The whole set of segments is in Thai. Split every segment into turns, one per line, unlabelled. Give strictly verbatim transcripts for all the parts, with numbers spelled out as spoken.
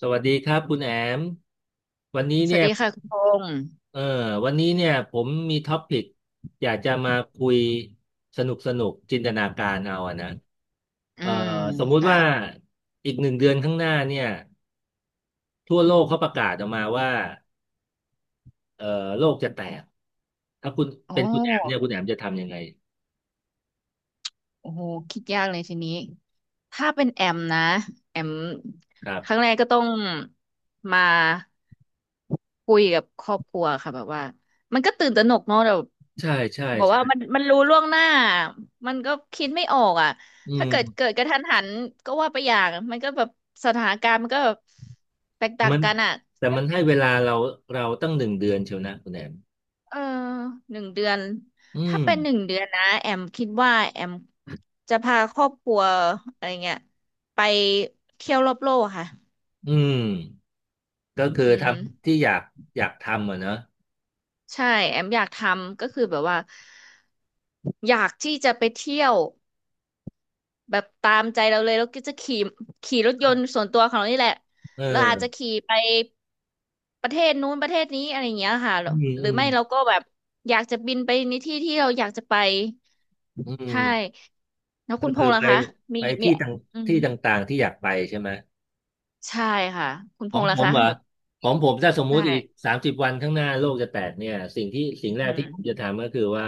สวัสดีครับคุณแอมวันนี้
ส
เนี่
วัส
ย
ดีค่ะคุณพงษ์
เออวันนี้เนี่ยผมมีท็อปิกอยากจะมาคุยสนุกสนุกจินตนาการเอาอะนะ
อื
เออ
ม
สมมุติว่า
ค่ะ
อีกหนึ่งเดือนข้างหน้าเนี่ยทั่วโลกเขาประกาศออกมาว่าเออโลกจะแตกถ้าคุณ
โอ
เป็นคุณแอมเนี่ย
้
คุณแอมจะทำยังไง
โอ้โหคิดยากเลยทีนี้ ถ้าเป็นแอมนะ แอม
ครั
ครั้ง
บ
แรกก็ต้องมาคุยกับครอบครัวค่ะแบบว่า มันก็ตื่นตระหนกเนาะแบบ
ใช่ใช่
บอก
ใช่
ว่ามันมันรู้ล่วงหน้า มันก็คิดไม่ออกอ่ะ
อื
ถ้าเกิ
ม
ดเกิดกระทันหันก็ว่าไปอย่าง มันก็แบบสถานการณ์มันก็แบบแตกต่าง
มัน
กันอ่ะ
แต่มันให้เวลาเราเราตั้งหนึ่งเดือนเชียวนะคุณแอม
เออหนึ่งเดือน
อืม
ถ้าเป็นหนึ่งเดือนนะแอมคิดว่าแอมจะพาครอบครัวอะไรเงี้ยไปเที่ยวรอบโลกค่ะ
อืม ก็คือ
อื
ท
ม
ำที่อยากอยากทำอ่ะเนอะ
ใช่แอมอยากทำก็คือแบบว่าอยากที่จะไปเที่ยวแบบตามใจเราเลยแล้วก็จะขี่ขี่รถยนต์ส่วนตัวของเรานี่แหละ
เอ
แล้วอาจจะ
อ
ขี่ไปประเทศนู้นประเทศนี้อะไรอย่างเงี้ยค่ะ
อืม
หรื
อื
อ
ม
ไม่เราก็แบบอยากจะบินไปในที่ที่เราอยากจะไป
อื
ใช่
ม
แล้วคุ
ก็
ณพ
คือ
งษ์ล่ะ
ไป
คะมี
ไป
มี
ที่ต่าง
อืม
ที่ต่างๆที่อยากไปใช่ไหม
ใช่ค่ะคุณ
ข
พ
อง
งษ์
ผ
ล่ะ
ม
คะ
เหรอ
แบบ
ของผมถ้าสมมุ
ใช่
ติอีกสามสิบวันข้างหน้าโลกจะแตกเนี่ยสิ่งที่สิ่ง
อื
แรก
ม
ที่ผมจะทำก็คือว่า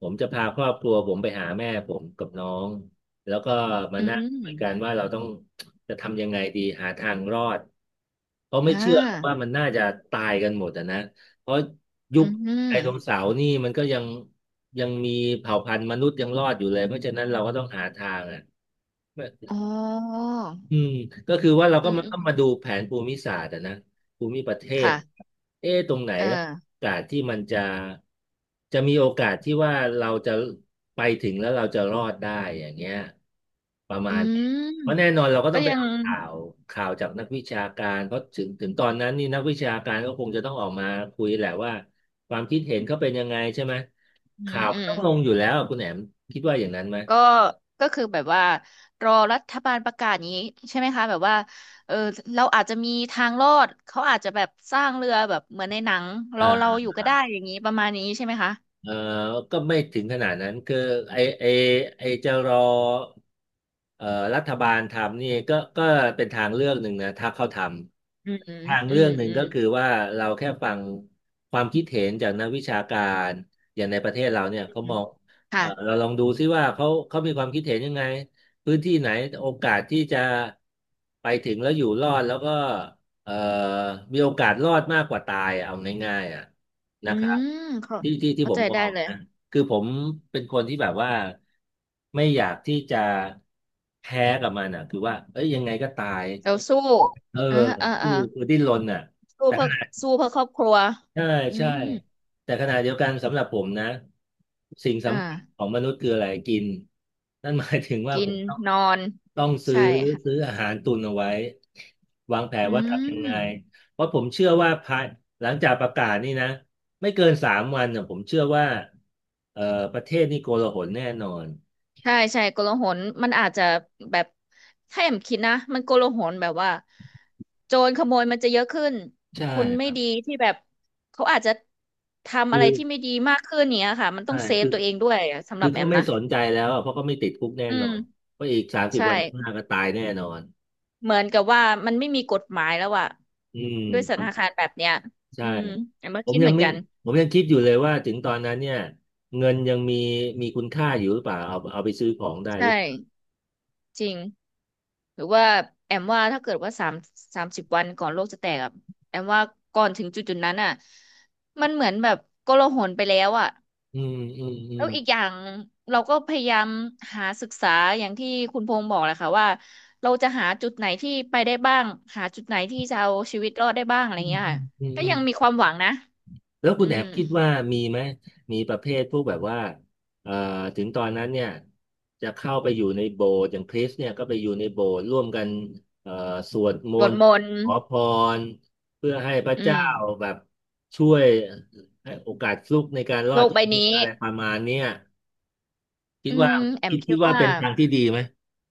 ผมจะพาครอบครัวผมไปหาแม่ผมกับน้องแล้วก็มา
อื
นั่งคุยกัน
ม
ว่าเราต้องจะทำยังไงดีหาทางรอดเพราะไม่
อ่
เชื่อหรอกว่า
า
มันน่าจะตายกันหมดอะนะเพราะยุ
อื
คได
ม
โนเสาร์นี่มันก็ยังยังมีเผ่าพันธุ์มนุษย์ยังรอดอยู่เลยเพราะฉะนั้นเราก็ต้องหาทางอ่ะ
อ๋อ
อืมก็คือว่าเรา
อื
ก็
ม
มา
อื
ต้อ
ม
งมาดูแผนภูมิศาสตร์อะนะภูมิประเทศ
ค่ะ
เอ๊ะตรงไหน
เออ
แล้วโอกาสที่มันจะจะมีโอกาสที่ว่าเราจะไปถึงแล้วเราจะรอดได้อย่างเงี้ยประมา
อื
ณนี้
ม
เพราะแน่นอนเราก็ต้
ก็
องไป
ยัง
เอาข่าวข่าวจากนักวิชาการเพราะถึงถึงตอนนั้นนี่นักวิชาการก็คงจะต้องออกมาคุยแหละว่าความคิดเห็นเขาเป็นยังไงใช่ไหม
อื
ข่า
ม
ว
อื
มัน
ม
ต้องลงอยู่แล้วอะคุณแหนมคิดว่าอย่างนั้นไหม
ก็ก็คือแบบว่ารอรัฐบาลประกาศนี้ใช่ไหมคะแบบว่าเออเราอาจจะมีทางรอดเขาอาจจะแบบสร้างเรือแบบเหมือนในหนังเราเรา
เออ
อยู่ก็ได้อย่างนี้ประมาณนี้ใช่ไหมคะ
เออก็ไม่ถึงขนาดนั้นคือไอไอไอจะรอเอ่อรัฐบาลทำนี่ก็ก็เป็นทางเลือกหนึ่งนะถ้าเขาท
อืมอื
ำ
ม
ทางเลือกหนึ่ง
อื
ก็
ม
คือว่าเราแค่ฟังความคิดเห็นจากนักวิชาการอย่างในประเทศเราเนี่ย
อื
เขาม
ม
องเอ่
ค่ะ
อเราลองดูซิว่าเขาเขามีความคิดเห็นยังไงพื้นที่ไหนโอกาสที่จะไปถึงแล้วอยู่รอดแล้วก็เอ่อมีโอกาสรอดมากกว่าตายอะเอาง่ายๆอ่ะ นะ
อื
ครับ
มเข้า
ที่ที่ที่
เข้า
ผม
ใจ
มอ
ได้
ง
เลย
นะคือผมเป็นคนที่แบบว่าไม่อยากที่จะแพ้กับมันอ่ะคือว่าเอ้ยยังไงก็ตาย
เราสู้
เออ
อ่าอ่า
สู้
อ่า
คือดิ้นรนอ่ะ
สู้เพื่อสู้เพื่อครอบครัว
ใช่
อื
ใช่
ม
แต่ขณะเดียวกันสำหรับผมนะสิ่ง
อ่า
สำคัญของมนุษย์คืออะไรกินนั่นหมายถึงว่า
กิ
ผ
น
มต้อง
นอน
ต้องซื้อ
ใช่ค่ะ
ซื้ออาหารตุนเอาไว้วางแผน
อื
ว่าทำยังไง
ม
เพราะผมเชื่อว่าภายหลังจากประกาศนี่นะไม่เกินสามวันน่ะผมเชื่อว่าเอ่อประเทศนี่โกลาหลแน่นอน
ใช่ใช่โกลาหลมันอาจจะแบบถ้าแอมคิดนะ มันโกลาหลแบบว่าโจรขโมยมันจะเยอะขึ้น
ใช่
คน
ค
ไม่
รับ
ดีที่แบบเขาอาจจะทำ
คื
อะไร
อ
ที่ไม่ดีมากขึ้นเนี้ยค่ะ มันต้
ใช่
องเซฟ
คือ
ตัวเองด้วยอะสำห
คื
รั
อ
บแอ
เขา
ม
ไม่
นะ
สนใจแล้วอะเพราะเขาไม่ติดคุกแน่
อื
นอ
ม
นเพราะอีกสามสิบ
ใช่
วันข้างหน้าก็ตายแน่นอน
เหมือนกับว่ามันไม่มีกฎหมายแล้วอะ
อืม
ด้วยสถานการณ์แบบเนี้ยอื
ใช่
มแอมก็
ผม
คิด
ยั
เห
ง
มือน
ไม่
กัน
ผมยังคิดอยู่เลยว่าถึงตอนนั้นเนี่ยเงินยังมีมีคุณค่าอยู่หรือเปล่าเอาเอาไปซื้อของได้ห
ใช่
รือเปล่า
จริงหรือว่าแอมว่าถ้าเกิดว่าสามสามสิบวันก่อนโลกจะแตกอะแอมว่าก่อนถึงจุดจุดนั้นอะมันเหมือนแบบโกลาหลไปแล้วอะ
อืมอืมอื
แล้
ม
วอีกอย่างเราก็พยายามหาศึกษาอย่างที่คุณพงษ์บอกแหละค่ะว่าเราจะหาจุดไหนที่ไปได้บ้างหาจุดไหนที่จะเอาชีวิตรอดได้บ้างอะไร
อืม
เงี้ย
อื
ค่ะ
มอืม
ก็
อืม
ยังมีความหวังนะ
แล้ว
อื
คุณแอ
ม
บคิดว่ามีไหมมีประเภทพวกแบบว่าเอ่อถึงตอนนั้นเนี่ยจะเข้าไปอยู่ในโบสถ์อย่างคริสเนี่ยก็ไปอยู่ในโบสถ์ร่วมกันเอ่อสวดม
สวด
นต์
มนต์
ขอพรเพื่อให้พระ
อื
เจ้า
ม
แบบช่วยให้โอกาสฟลุกในการรอ
โล
ด
กใบ
ชีวิต
นี้
อะไรประมาณเนี้ย คิ
อื
ดว่า
มแอม
คิด
คิ
คิ
ด
ดว่า
ว่า
เป็นทางที่ดีไหม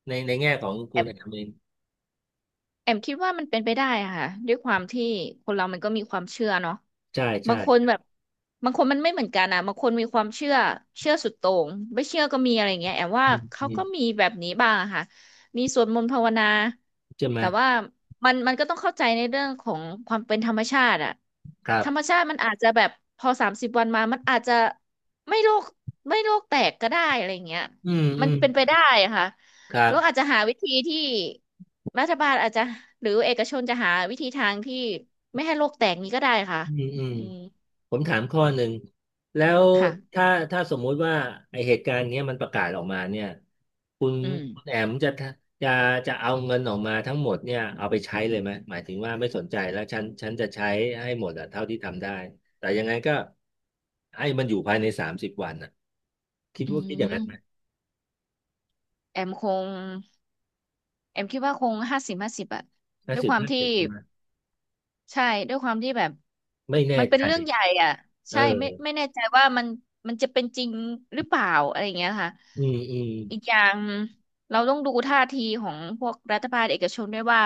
ในในแง่ของคุณ
แอม
แอมเอง
แอมคิดว่ามันเป็นไปได้อะค่ะด้วยความที่คนเรามันก็มีความเชื่อเนาะ
ใช่
บา
ใช่
งคนแบบบางคนมันไม่เหมือนกันอะบางคนมีความเชื่อเชื่อสุดโต่งไม่เชื่อก็มีอะไรเงี้ยแอมว่า
อืมอื
เขา
ม
ก็มีแบบนี้บ้างอะค่ะมีสวดมนต์ภาวนา
ใช่ไหม
แต่ว่ามันมันก็ต้องเข้าใจในเรื่องของความเป็นธรรมชาติอะ
ครั
ธ
บ
รรมชาติมันอาจจะแบบพอสามสิบวันมามันอาจจะไม่โรคไม่โรคแตกก็ได้อะไรเงี้ย
อืมอื
มัน
ม
เป็นไปได้อะค่ะ
ครับ
แล้วอาจจะหาวิธีที่ รัฐบาลอาจจะหรือเอกชนจะหาวิธีทางที่ไม่ให้โลกแตกนี้ก็ได้ค่ะ
อืมอืม
อืม
ผมถามข้อหนึ่งแล้ว
ค่ะ
ถ้าถ้าสมมุติว่าไอเหตุการณ์เนี้ยมันประกาศออกมาเนี่ยคุณ
อืม
คุณแอมจะจะจะเอาเงินออกมาทั้งหมดเนี่ยเอาไปใช้เลยไหมหมายถึงว่าไม่สนใจแล้วฉันฉันจะใช้ให้หมดอะเท่าที่ทำได้แต่ยังไงก็ให้มันอยู่ภายในสามสิบวันอะคิด
อื
ว่าคิดอย่างนั้นไหม
มแอมคงแอมคิดว่าคงห้าสิบห้าสิบอะ
ห้า
ด้วย
สิบ
ความ
ห้า
ที่
สิบ
ใช่ด้วยความที่แบบ
ไม่แน่
มันเป็
ใจ
นเรื่องใหญ่อ่ะ
เ
ใช่ไม่
ออ
ไม่แน่ใจว่ามันมันจะเป็นจริงหรือเปล่าอะไรอย่างเงี้ยค่ะ
อืมอืม
อีกอย่างเราต้องดูท่าทีของพวกรัฐบาลเอกชนด้วยว่า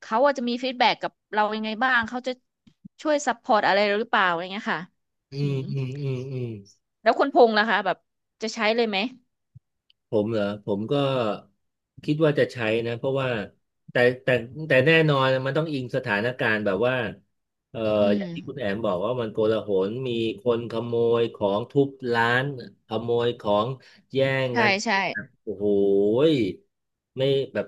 เขาอาจจะมีฟีดแบ็กกับเรายังไงบ้างเขาจะช่วยซัพพอร์ตอะไรเราหรือเปล่าอะไรเงี้ยค่ะ
อื
อื
ม
ม
อืมอืมอืม
แล้วคุณพงษ์ล่ะคะแบบจะใช้เลยไหม
ผมเหรอผมก็คิดว่าจะใช้นะเพราะว่าแต่แต่แต่แน่นอนมันต้องอิงสถานการณ์แบบว่าเอ่อ
อื
อ
ม
ย่างที่คุณแอมบอกว่ามันโกลาหลมีคนขโมยของทุบร้านขโมยของแย่ง
ใช่
กัน
ใช่
โอ้โหยไม่แบบ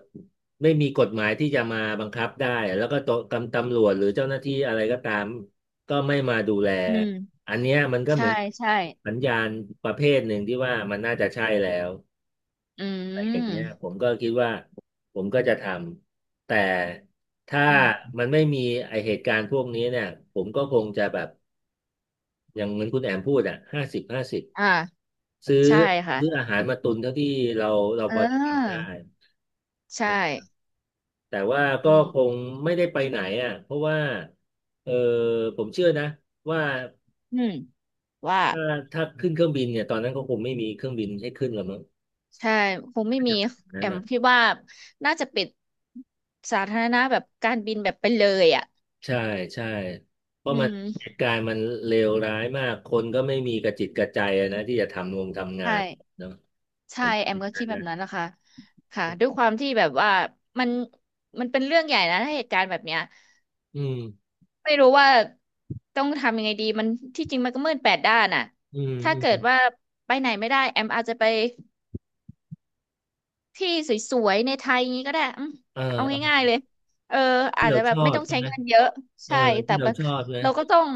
ไม่มีกฎหมายที่จะมาบังคับได้แล้วก็ตกำตำรวจหรือเจ้าหน้าที่อะไรก็ตามก็ไม่มาดูแล
อืม
อันเนี้ยมันก็เห
ใช่
มือน
ใช่
สัญญาณประเภทหนึ่งที่ว่ามันน่าจะใช่แล้ว
อื
อย่างเงี้ยผ
ม
มก็คิดว่าผมก็จะทำแต่ถ้า
อืม
มันไม่มีไอเหตุการณ์พวกนี้เนี่ยผมก็คงจะแบบอย่างเหมือนคุณแอมพูดอ่ะห้าสิบห้าสิบ
อ่า
ซื้อ
ใช่ค่ะ
ซื้ออาหารมาตุนเท่าที่เราเรา
เ
พอจะทำได้
ออใช่
นะแต่ว่า
อื
ก็คง
ม
ไม่ได้ไปไหนอ่ะเพราะว่าเออผมเชื่อนะว่า
อืมว่า
ถ้าถ้าขึ้นเครื่องบินเนี่ยตอนนั้นก็คงไม่มีเครื่องบินให้ขึ้นแล้วมั้ง
ใช่คง
อา
ไม่
จ
มี
จะเป็นอย่าง
แอ
นั้น
ม
นะ
คิดว่าน่าจะปิดสาธารณะแบบการบินแบบไปเลยอ่ะ
ใช่ใช่เพ
อื
ราะมันเห
ม
ตุการณ์มันเลวร้ายมากคนก็ไม่มีกระจิตกระใจอะนะที่จะทำงงทำงา
ใช่
นเนาะผ
ใช่
ม
แอม
คิดอ
ก็
ย่างนั้
คิ
น
ดแบบ
นะ
นั้นนะคะค่ะด้วยความที่แบบว่ามันมันเป็นเรื่องใหญ่นะถ้าเหตุการณ์แบบเนี้ย
อืม
ไม่รู้ว่าต้องทำยังไงดีมันที่จริงมันก็มืดแปดด้านอ่ะ
อืม
ถ้า
อื
เกิด
ม
ว่าไปไหนไม่ได้แอมอาจจะไป ที่สวยๆในไทยอย่างนี้ก็ได้อืม
เออ
เอา
เอ
ง่า
อ
ยๆเลยเออ
ที่
อาจ
เรา
จะแบ
ช
บ
อ
ไม่
บ
ต้อง
ใช่
ใช้
ไหม
เงินเยอะ
เออ
ใช่แต่
ที่เรา
แบบ
ชอบนะ
เราก็ต้อง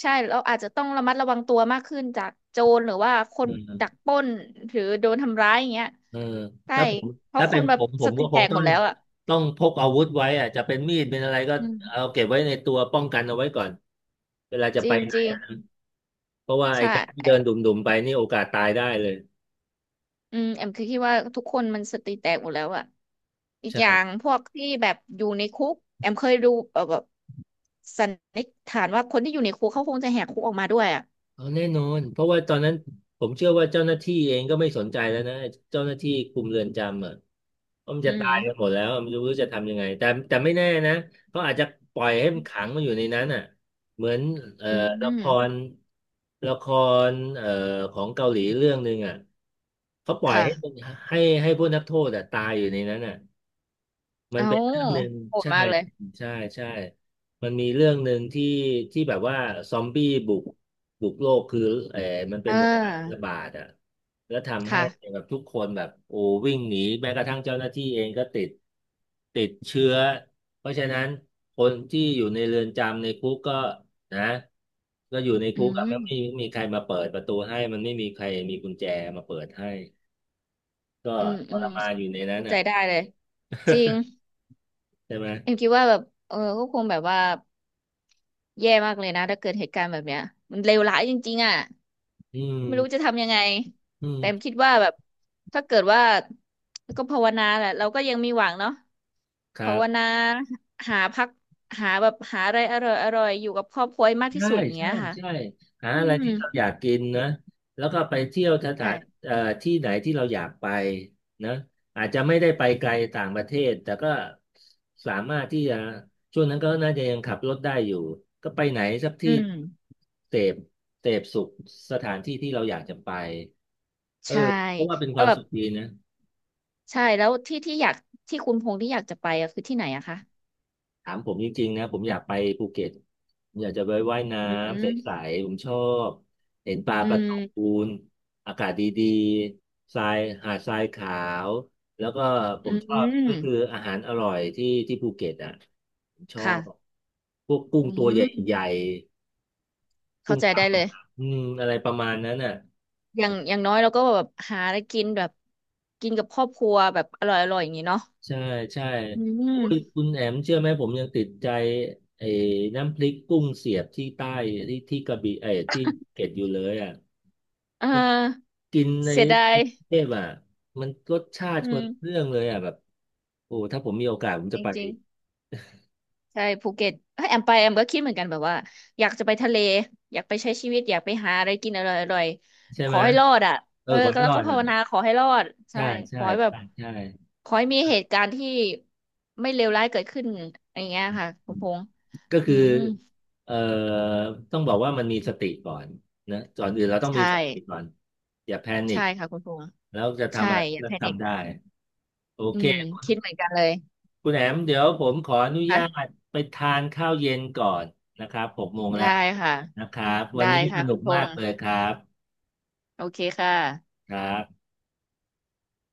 ใช่เราอาจจะต้องระมัดระวังตัวมากขึ้นจากโจรหรือว่าคน
เออ
ดักปล้นหรือโดนทำร้ายอย่างเงี้ย
เออ
ใช่
ถ้าผม
เพราะ
ถ้า
ค
เป็น
นแบ
ผ
บ
มผ
ส
ม
ติ
ก็ค
แต
ง
ก
ต้
ห
อ
ม
ง
ดแล้วอ่ะ
ต้องพกอาวุธไว้อะจะเป็นมีดเป็นอะไรก็
อื
เอา
ม
เก็บไว้ในตัวป้องกันเอาไว้ก่อนเวลาจะ
จ
ไป
ริง
ไหน
จริง
อะเพราะว่าไอ้
ใช่
การที่เดินดุ่มๆไปนี่โอกาสตายได้เลย
อืมแอมคือคิดว่าทุกคนมันสติแตกหมดแล้วอะอีกอย่าง
ใช่
พวกที่แบบอยู่ในคุกแอมเคยดูเอ่อแบบสันนิษฐานว่าคนที่อยู่ในคุกเขาคงจะแหกคุกออกมาด้วยอะ
เอาแน่นอนเพราะว่าตอนนั้นผมเชื่อว่าเจ้าหน้าที่เองก็ไม่สนใจแล้วนะเจ้าหน้าที่คุมเรือนจำอ่ะเพราะมัน
อื
จะตา
ม
ยกันหมดแล้วไม่รู้จะทำยังไงแต่แต่ไม่แน่นะเขาอาจจะปล่อยให้มันขังมันอยู่ในนั้นอ่ะเหมือนเอ่อ
อื
ละค
ม
รละครเอ่อของเกาหลีเรื่องหนึ่งอ่ะเขาปล่อย
ค่ะ
ให้มันให้ให้พวกนักโทษอ่ะตายอยู่ในนั้นอ่ะ มัน
เอา
เป็นเรื่องหนึ่ง
โหด
ใช่
มากเลย
ใช่ใช่ มันมีเรื่องหนึ่งที่ที่แบบว่าซอมบี้บุกบุกโลกคือเออมันเป็
อ่
นไวรัสระ
า
บาดอ่ะแล้วทำให้
ค่ะ
แบบทุกคนแบบโอ้วิ่งหนีแม้กระทั่งเจ้าหน้าที่เองก็ติดติดเชื้อเพราะฉะนั้นคนที่อยู่ในเรือนจำในคุกก็นะก็อยู่ใน
อื
คุกอะไม่มี
ม
ไม่มีใครมาเปิดประตูให้มันไม่มีใครมีกุญแจมาเปิดให้ก็
อืม
ท
อื
ร
ม
มาน
เข้า
อยู่ในนั้น
เข้าใจ
อ่ะ
ได้เลยจริง
ใช่ไหม
เอ็มคิดว่าแบบเออก็คงแบบว่าแย่มากเลยนะถ้าเกิดเหตุการณ์แบบเนี้ยมันเลวร้ายจริงๆอ่ะ
อืม
ไม่รู้จะทำยังไง
อืม
แต่คิดว่าแบบถ้าเกิดว่าก็ภาวนาแหละเราก็ยังมีหวังเนาะ
ครั
ภาว
บ
นาหาพักหาแบบหาอะไรอร่อยอร่อยอยู่กับครอบครัวให้มากที่
ใช่
สุด
ใช่
เนี้ยค่ะ
ใช่หา
อื
อะไร
ม
ที่เราอยากกินนะแล้วก็ไปเที่ยวสถา
ใช่
นเอ่อที่ไหนที่เราอยากไปนะอาจจะไม่ได้ไปไกลต่างประเทศแต่ก็สามารถที่จะช่วงนั้นก็น่าจะยังขับรถได้อยู่ก็ไปไหนสัก
อื
ที่
ม
เสพเสพสุขสถานที่ที่เราอยากจะไปเออ
ใช่
เพราะว่าเป็นค
แล้
วา
ว
ม
แบบ
สุขดีนะ
ใช่แล้วที่ที่อยากที่คุณพงษ์ที่อยากจะไปอะคือที่ไหนอะคะ
ถามผมจริงๆนะผมอยากไปภูเก็ตผมอยากจะไปว่ายน้
อื
ำใส
ม
ๆผมชอบเห็นปลา
อื
การะต
ม
ูนอากาศดีๆทรายหาดทรายขาวแล้วก็ผ
อื
มชอบก็คือ
ม
อาหารอร่อยที่ที่ภูเก็ตอ่ะผมชอ
ค่ะ
บพวกกุ้ง
อื
ตัวใหญ่
ม
ๆกุ้
เข้า
ง
ใจ
ปั
ได้
ง
เลย
อืมอะไรประมาณนั้นอ่ะ
อย่างอย่างน้อยเราก็แบบหาอะไรกินแบบกินกับครอบครัวแบบอร่อยอร่อยอย่างนี้เนาะ
ใช่ใช่
อื
โอ้ย
ม
คุณแอมเชื่อไหมผมยังติดใจไอ้น้ำพริกกุ้งเสียบที่ใต้ที่ที่กระบี่ไอ้ที่ภูเก็ตอยู่เลยอ่ะ
อ่
มัน
า
กินใน
เสียดา
ก
ย
รุงเทพอ่ะมันรสชาติ
อื
มั
ม
นเรื่องเลยอ่ะแบบโอ้ถ้าผมมีโอกาสผม
จ
จะไป
ริ
อี
ง
ก
ๆใช่ภูเก็ตเอ้ยแอมไปแอมก็คิดเหมือนกันแบบว่าอยากจะไปทะเลอยากไปใช้ชีวิตอยากไปหาอะไรกินอร่อยอร่อย
ใช่
ข
ไห
อ
ม
ให้รอดอ่ะ
เอ
เอ
อ
อ
ขอไม่
แล้
ร
ว
อ
ก็
ด
ภาวนา
อ่ะ
ขอให้รอดใช่
ใช่
ข
ใช่
อให้แบบ
ใช่ใช่
ขอให้มีเหตุการณ์ที่ไม่เลวร้ายเกิดขึ้นอย่างเงี้ยค่ะ
อื
คุณ
ม
พงษ์
ก็
อื
คือ
ม
เอ่อต้องบอกว่ามันมีสติก่อนนะก่อนอื่นเราต้องมี
ใช่
สติก่อนอย่าแพนิ
ใช่
ค
ค่ะคุณพงษ์
แล้วจะ
ใช่
ทำอะไร
อย่า
ก็
แพนิค
ทำได้โอ
อื
เค
มคิดเหมือนกันเลย
คุณแอมเดี๋ยวผมขออนุญา
ค่ะ
ตไปทานข้าวเย็นก่อนนะครับหกโมงแล้
ได้
ว
ค่ะ
นะครับ วั
ได้
นนี้ส
ค่ะ
นุ
คุณ
ก
พ
มา
ง
ก
ษ์
เลยครับ
โอเคค่ะ
ครับ